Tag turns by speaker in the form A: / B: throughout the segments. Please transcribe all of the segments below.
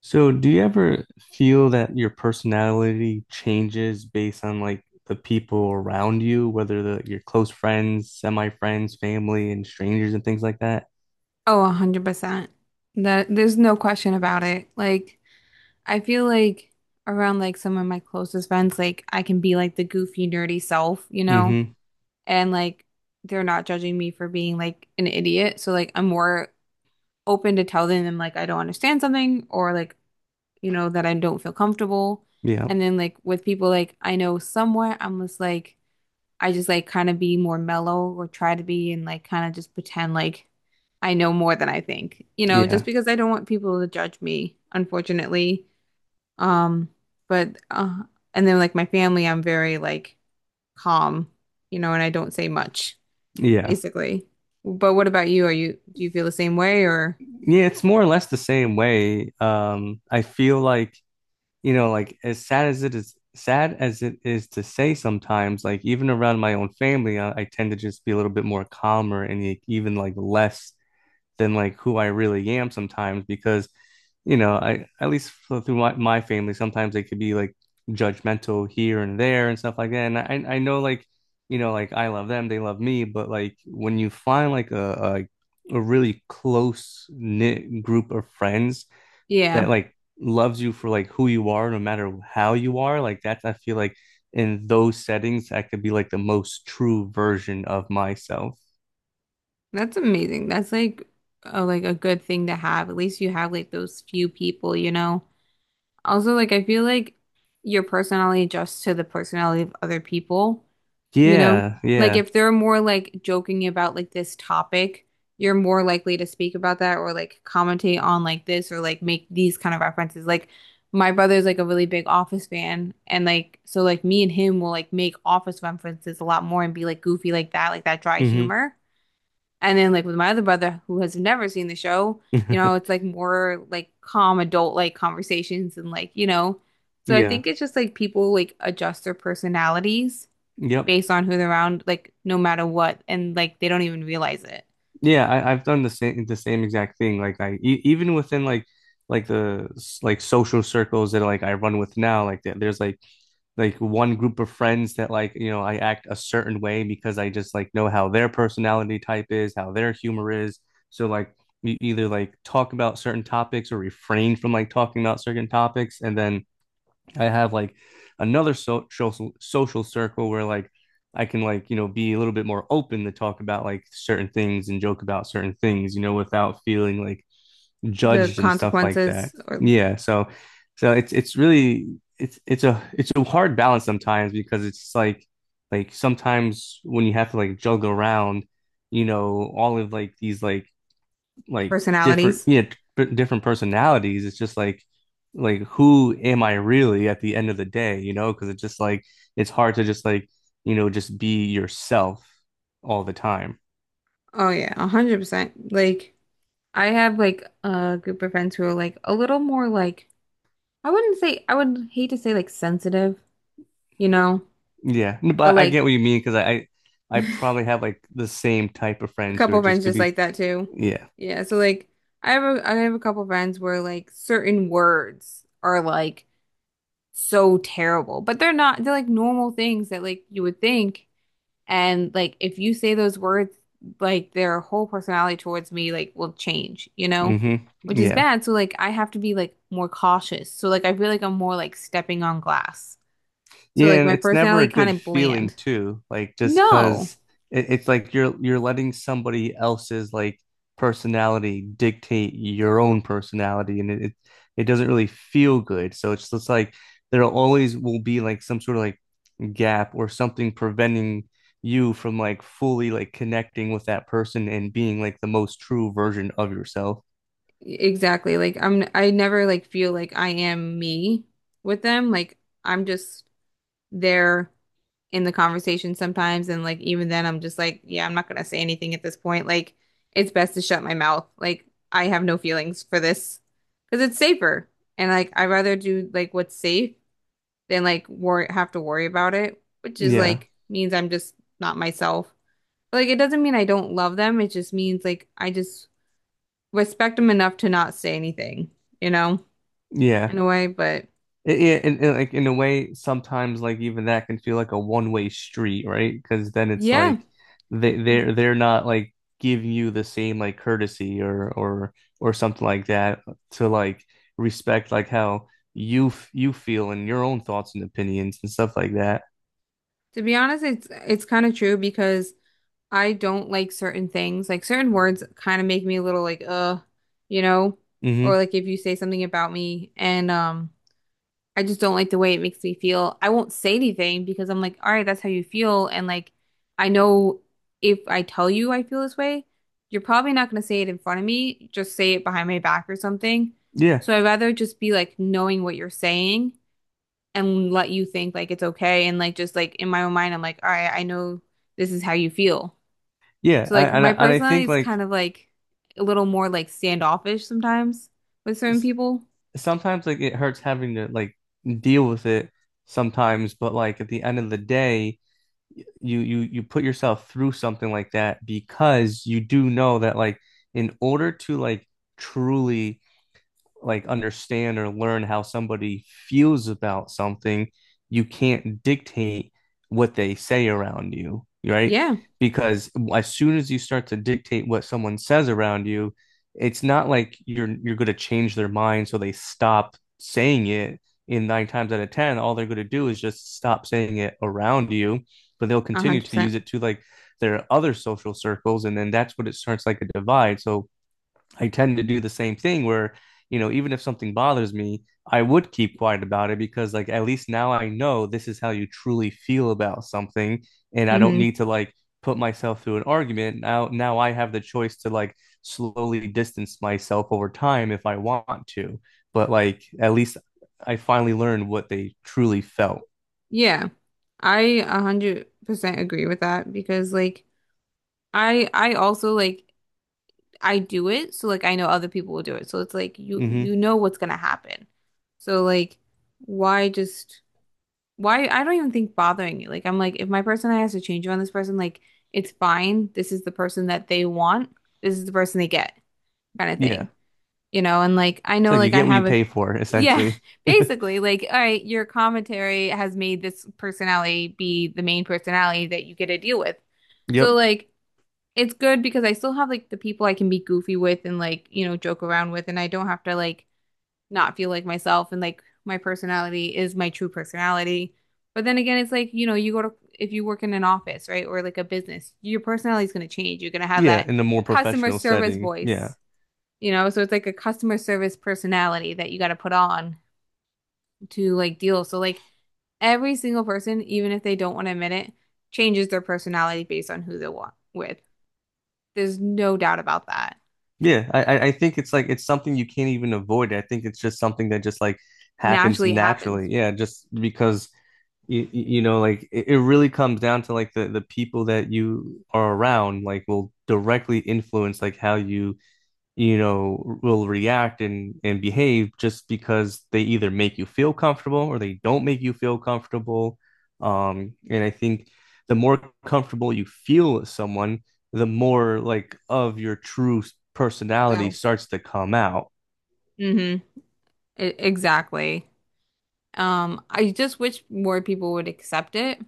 A: So, do you ever feel that your personality changes based on like the people around you, whether the your close friends, semi-friends, family, and strangers and things like that?
B: Oh, 100%. That there's no question about it. Like I feel like around like some of my closest friends, like I can be like the goofy nerdy self, you know?
A: Mm-hmm.
B: And like they're not judging me for being like an idiot. So like I'm more open to telling them like I don't understand something or like, you know, that I don't feel comfortable.
A: Yeah.
B: And then like with people like I know somewhat, I just like kind of be more mellow or try to be and like kind of just pretend like I know more than I think, you know, just
A: Yeah.
B: because I don't want people to judge me, unfortunately. Um, but And then like my family, I'm very like calm, you know, and I don't say much,
A: Yeah.
B: basically. But what about you? Are you do you feel the same way or
A: Yeah, it's more or less the same way. I feel like, you know, like as sad as it is, sad as it is to say sometimes, like even around my own family, I tend to just be a little bit more calmer and like, even like less than like who I really am sometimes because you know I at least through my family sometimes they could be like judgmental here and there and stuff like that, and I know like you know like I love them, they love me, but like when you find like a a really close knit group of friends
B: yeah,
A: that like loves you for like who you are no matter how you are, like that's, I feel like in those settings I could be like the most true version of myself.
B: that's amazing. That's like like a good thing to have. At least you have like those few people, you know. Also, like I feel like your personality adjusts to the personality of other people, you know?
A: Yeah,
B: Like
A: yeah.
B: if they're more like joking about like this topic, you're more likely to speak about that or like commentate on like this or like make these kind of references. Like my brother's like a really big Office fan and like so like me and him will like make Office references a lot more and be like goofy like that dry
A: Hmm.
B: humor. And then like with my other brother who has never seen the show, you know, it's like more like calm adult like conversations and like, you know. So I
A: Yeah.
B: think it's just like people like adjust their personalities
A: Yep.
B: based on who they're around, like no matter what, and like they don't even realize it.
A: Yeah, I've done the same exact thing. Like I e even within like the like social circles that like I run with now, like there's like one group of friends that like you know I act a certain way because I just like know how their personality type is, how their humor is. So like you either like talk about certain topics or refrain from like talking about certain topics, and then I have like another social circle where like I can like you know be a little bit more open to talk about like certain things and joke about certain things, you know, without feeling like
B: The
A: judged and stuff like that.
B: consequences or
A: Yeah, so it's really it's a hard balance sometimes because it's like sometimes when you have to like juggle around, you know, all of like these like different,
B: personalities.
A: yeah, different personalities. It's just like who am I really at the end of the day, you know, because it's just like it's hard to just like you know just be yourself all the time.
B: Oh yeah, 100%. Like I have like a group of friends who are like a little more like I wouldn't say I would hate to say like sensitive, you know,
A: Yeah,
B: but
A: but I get
B: like
A: what you mean because I I probably have like the same type of
B: a
A: friends who are
B: couple friends
A: just gonna
B: just
A: be.
B: like that too.
A: Yeah.
B: Yeah, so like I have a couple friends where like certain words are like so terrible, but they're not they're like normal things that like you would think and like if you say those words like their whole personality towards me like will change, you know?
A: Hmm.
B: Which is
A: Yeah.
B: bad, so like I have to be like more cautious. So like I feel like I'm more like stepping on glass. So
A: Yeah,
B: like
A: and
B: my
A: it's never a
B: personality kind
A: good
B: of
A: feeling
B: bland.
A: too. Like just
B: No.
A: 'cause it's like you're letting somebody else's like personality dictate your own personality, and it doesn't really feel good. So it's just like there always will be like some sort of like gap or something preventing you from like fully like connecting with that person and being like the most true version of yourself.
B: Exactly. Like I never like feel like I am me with them. Like I'm just there in the conversation sometimes and like even then I'm just like, yeah, I'm not gonna say anything at this point. Like it's best to shut my mouth. Like I have no feelings for this because it's safer. And like I'd rather do like what's safe than like worry have to worry about it, which is
A: Yeah.
B: like means I'm just not myself. But, like it doesn't mean I don't love them. It just means like I just respect them enough to not say anything you know? In
A: Yeah.
B: a way, but
A: Yeah, like in a way, sometimes like even that can feel like a one-way street, right? Because then it's
B: yeah,
A: like they're not like giving you the same like courtesy or or something like that to like respect like how you you feel and your own thoughts and opinions and stuff like that.
B: to be honest, it's kind of true because I don't like certain things. Like certain words kind of make me a little like you know, or
A: Hmm.
B: like if you say something about me and I just don't like the way it makes me feel. I won't say anything because I'm like, all right, that's how you feel and like I know if I tell you I feel this way, you're probably not going to say it in front of me, just say it behind my back or something.
A: Yeah,
B: So I'd rather just be like knowing what you're saying and let you think like it's okay and like just like in my own mind I'm like all right I know this is how you feel
A: yeah,
B: so like
A: and
B: my
A: and I
B: personality
A: think
B: is
A: like
B: kind of like a little more like standoffish sometimes with certain
A: s-
B: people
A: sometimes like it hurts having to like deal with it sometimes, but like at the end of the day you put yourself through something like that because you do know that like in order to like truly like understand or learn how somebody feels about something, you can't dictate what they say around you, right?
B: yeah
A: Because as soon as you start to dictate what someone says around you, it's not like you're going to change their mind so they stop saying it. In nine times out of ten, all they're going to do is just stop saying it around you, but they'll
B: 100%
A: continue to
B: percent
A: use it to like their other social circles, and then that's what it starts like a divide. So I tend to do the same thing where, you know, even if something bothers me, I would keep quiet about it because, like, at least now I know this is how you truly feel about something, and I don't
B: hmm
A: need to like put myself through an argument. Now I have the choice to like slowly distance myself over time if I want to. But like, at least I finally learned what they truly felt.
B: yeah I 100% agree with that because like I also like I do it so like I know other people will do it so it's like you
A: Hmm.
B: you know what's gonna happen so like why just why? I don't even think bothering you. Like, I'm like, if my person has to change on this person, like, it's fine. This is the person that they want. This is the person they get, kind of
A: Yeah.
B: thing. You know, and like, I
A: It's
B: know,
A: like you
B: like, I
A: get what you
B: have a,
A: pay for,
B: yeah,
A: essentially.
B: basically, like, all right, your commentary has made this personality be the main personality that you get to deal with. So,
A: Yep.
B: like, it's good because I still have, like, the people I can be goofy with and, like, you know, joke around with, and I don't have to, like, not feel like myself and like my personality is my true personality. But then again, it's like, you know, you go to, if you work in an office, right, or like a business, your personality is going to change. You're going to have
A: Yeah,
B: that
A: in a more
B: customer
A: professional
B: service
A: setting. Yeah.
B: voice, you know? So it's like a customer service personality that you got to put on to like deal. So, like, every single person, even if they don't want to admit it, changes their personality based on who they're wa- with. There's no doubt about that.
A: Yeah, I think it's like it's something you can't even avoid. I think it's just something that just like happens
B: Naturally, it
A: naturally.
B: happens.
A: Yeah, just because you know like it really comes down to like the people that you are around like will directly influence like how you you know, will react and behave just because they either make you feel comfortable or they don't make you feel comfortable. And I think the more comfortable you feel with someone, the more like of your true personality
B: No.
A: starts to come out.
B: Mm-hmm. E-, exactly. I just wish more people would accept it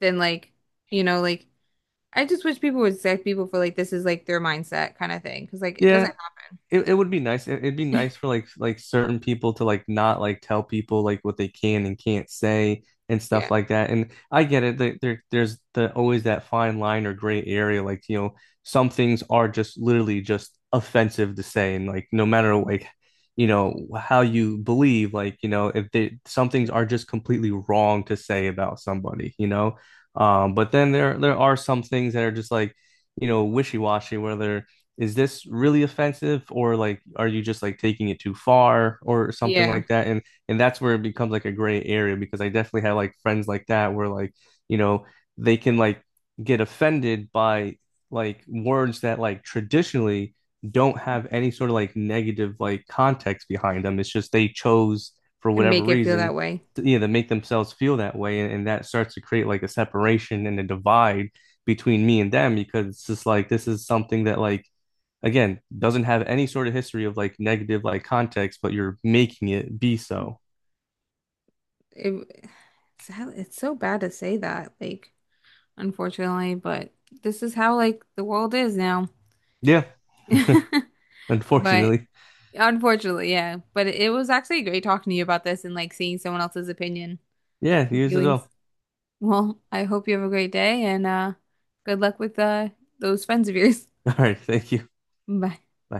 B: than like, you know, like I just wish people would accept people for like this is like their mindset kind of thing. Because like it doesn't
A: Yeah,
B: help.
A: it would be nice. It'd be nice for like certain people to like not like tell people like what they can and can't say and stuff
B: Yeah.
A: like that. And I get it. There's the always that fine line or gray area. Like, you know, some things are just literally just offensive to say. And like no matter like, you know, how you believe, like, you know, if they some things are just completely wrong to say about somebody, you know. But then there are some things that are just like, you know, wishy-washy where they're is this really offensive or like are you just like taking it too far or something
B: Yeah.
A: like that, and that's where it becomes like a gray area because I definitely have like friends like that where like you know they can like get offended by like words that like traditionally don't have any sort of like negative like context behind them. It's just they chose for
B: To
A: whatever
B: make it feel
A: reason
B: that way.
A: to, you know, to make themselves feel that way, and that starts to create like a separation and a divide between me and them because it's just like this is something that like again doesn't have any sort of history of like negative like context, but you're making it be so.
B: It, it's, how- it's so bad to say that, like, unfortunately, but this is how like the world is now.
A: Yeah,
B: But
A: unfortunately.
B: unfortunately, yeah. But it was actually great talking to you about this and like seeing someone else's opinion
A: Yeah,
B: and
A: news as
B: feelings.
A: well.
B: Well, I hope you have a great day and good luck with those friends of yours.
A: All right, thank you.
B: Bye.
A: Bye.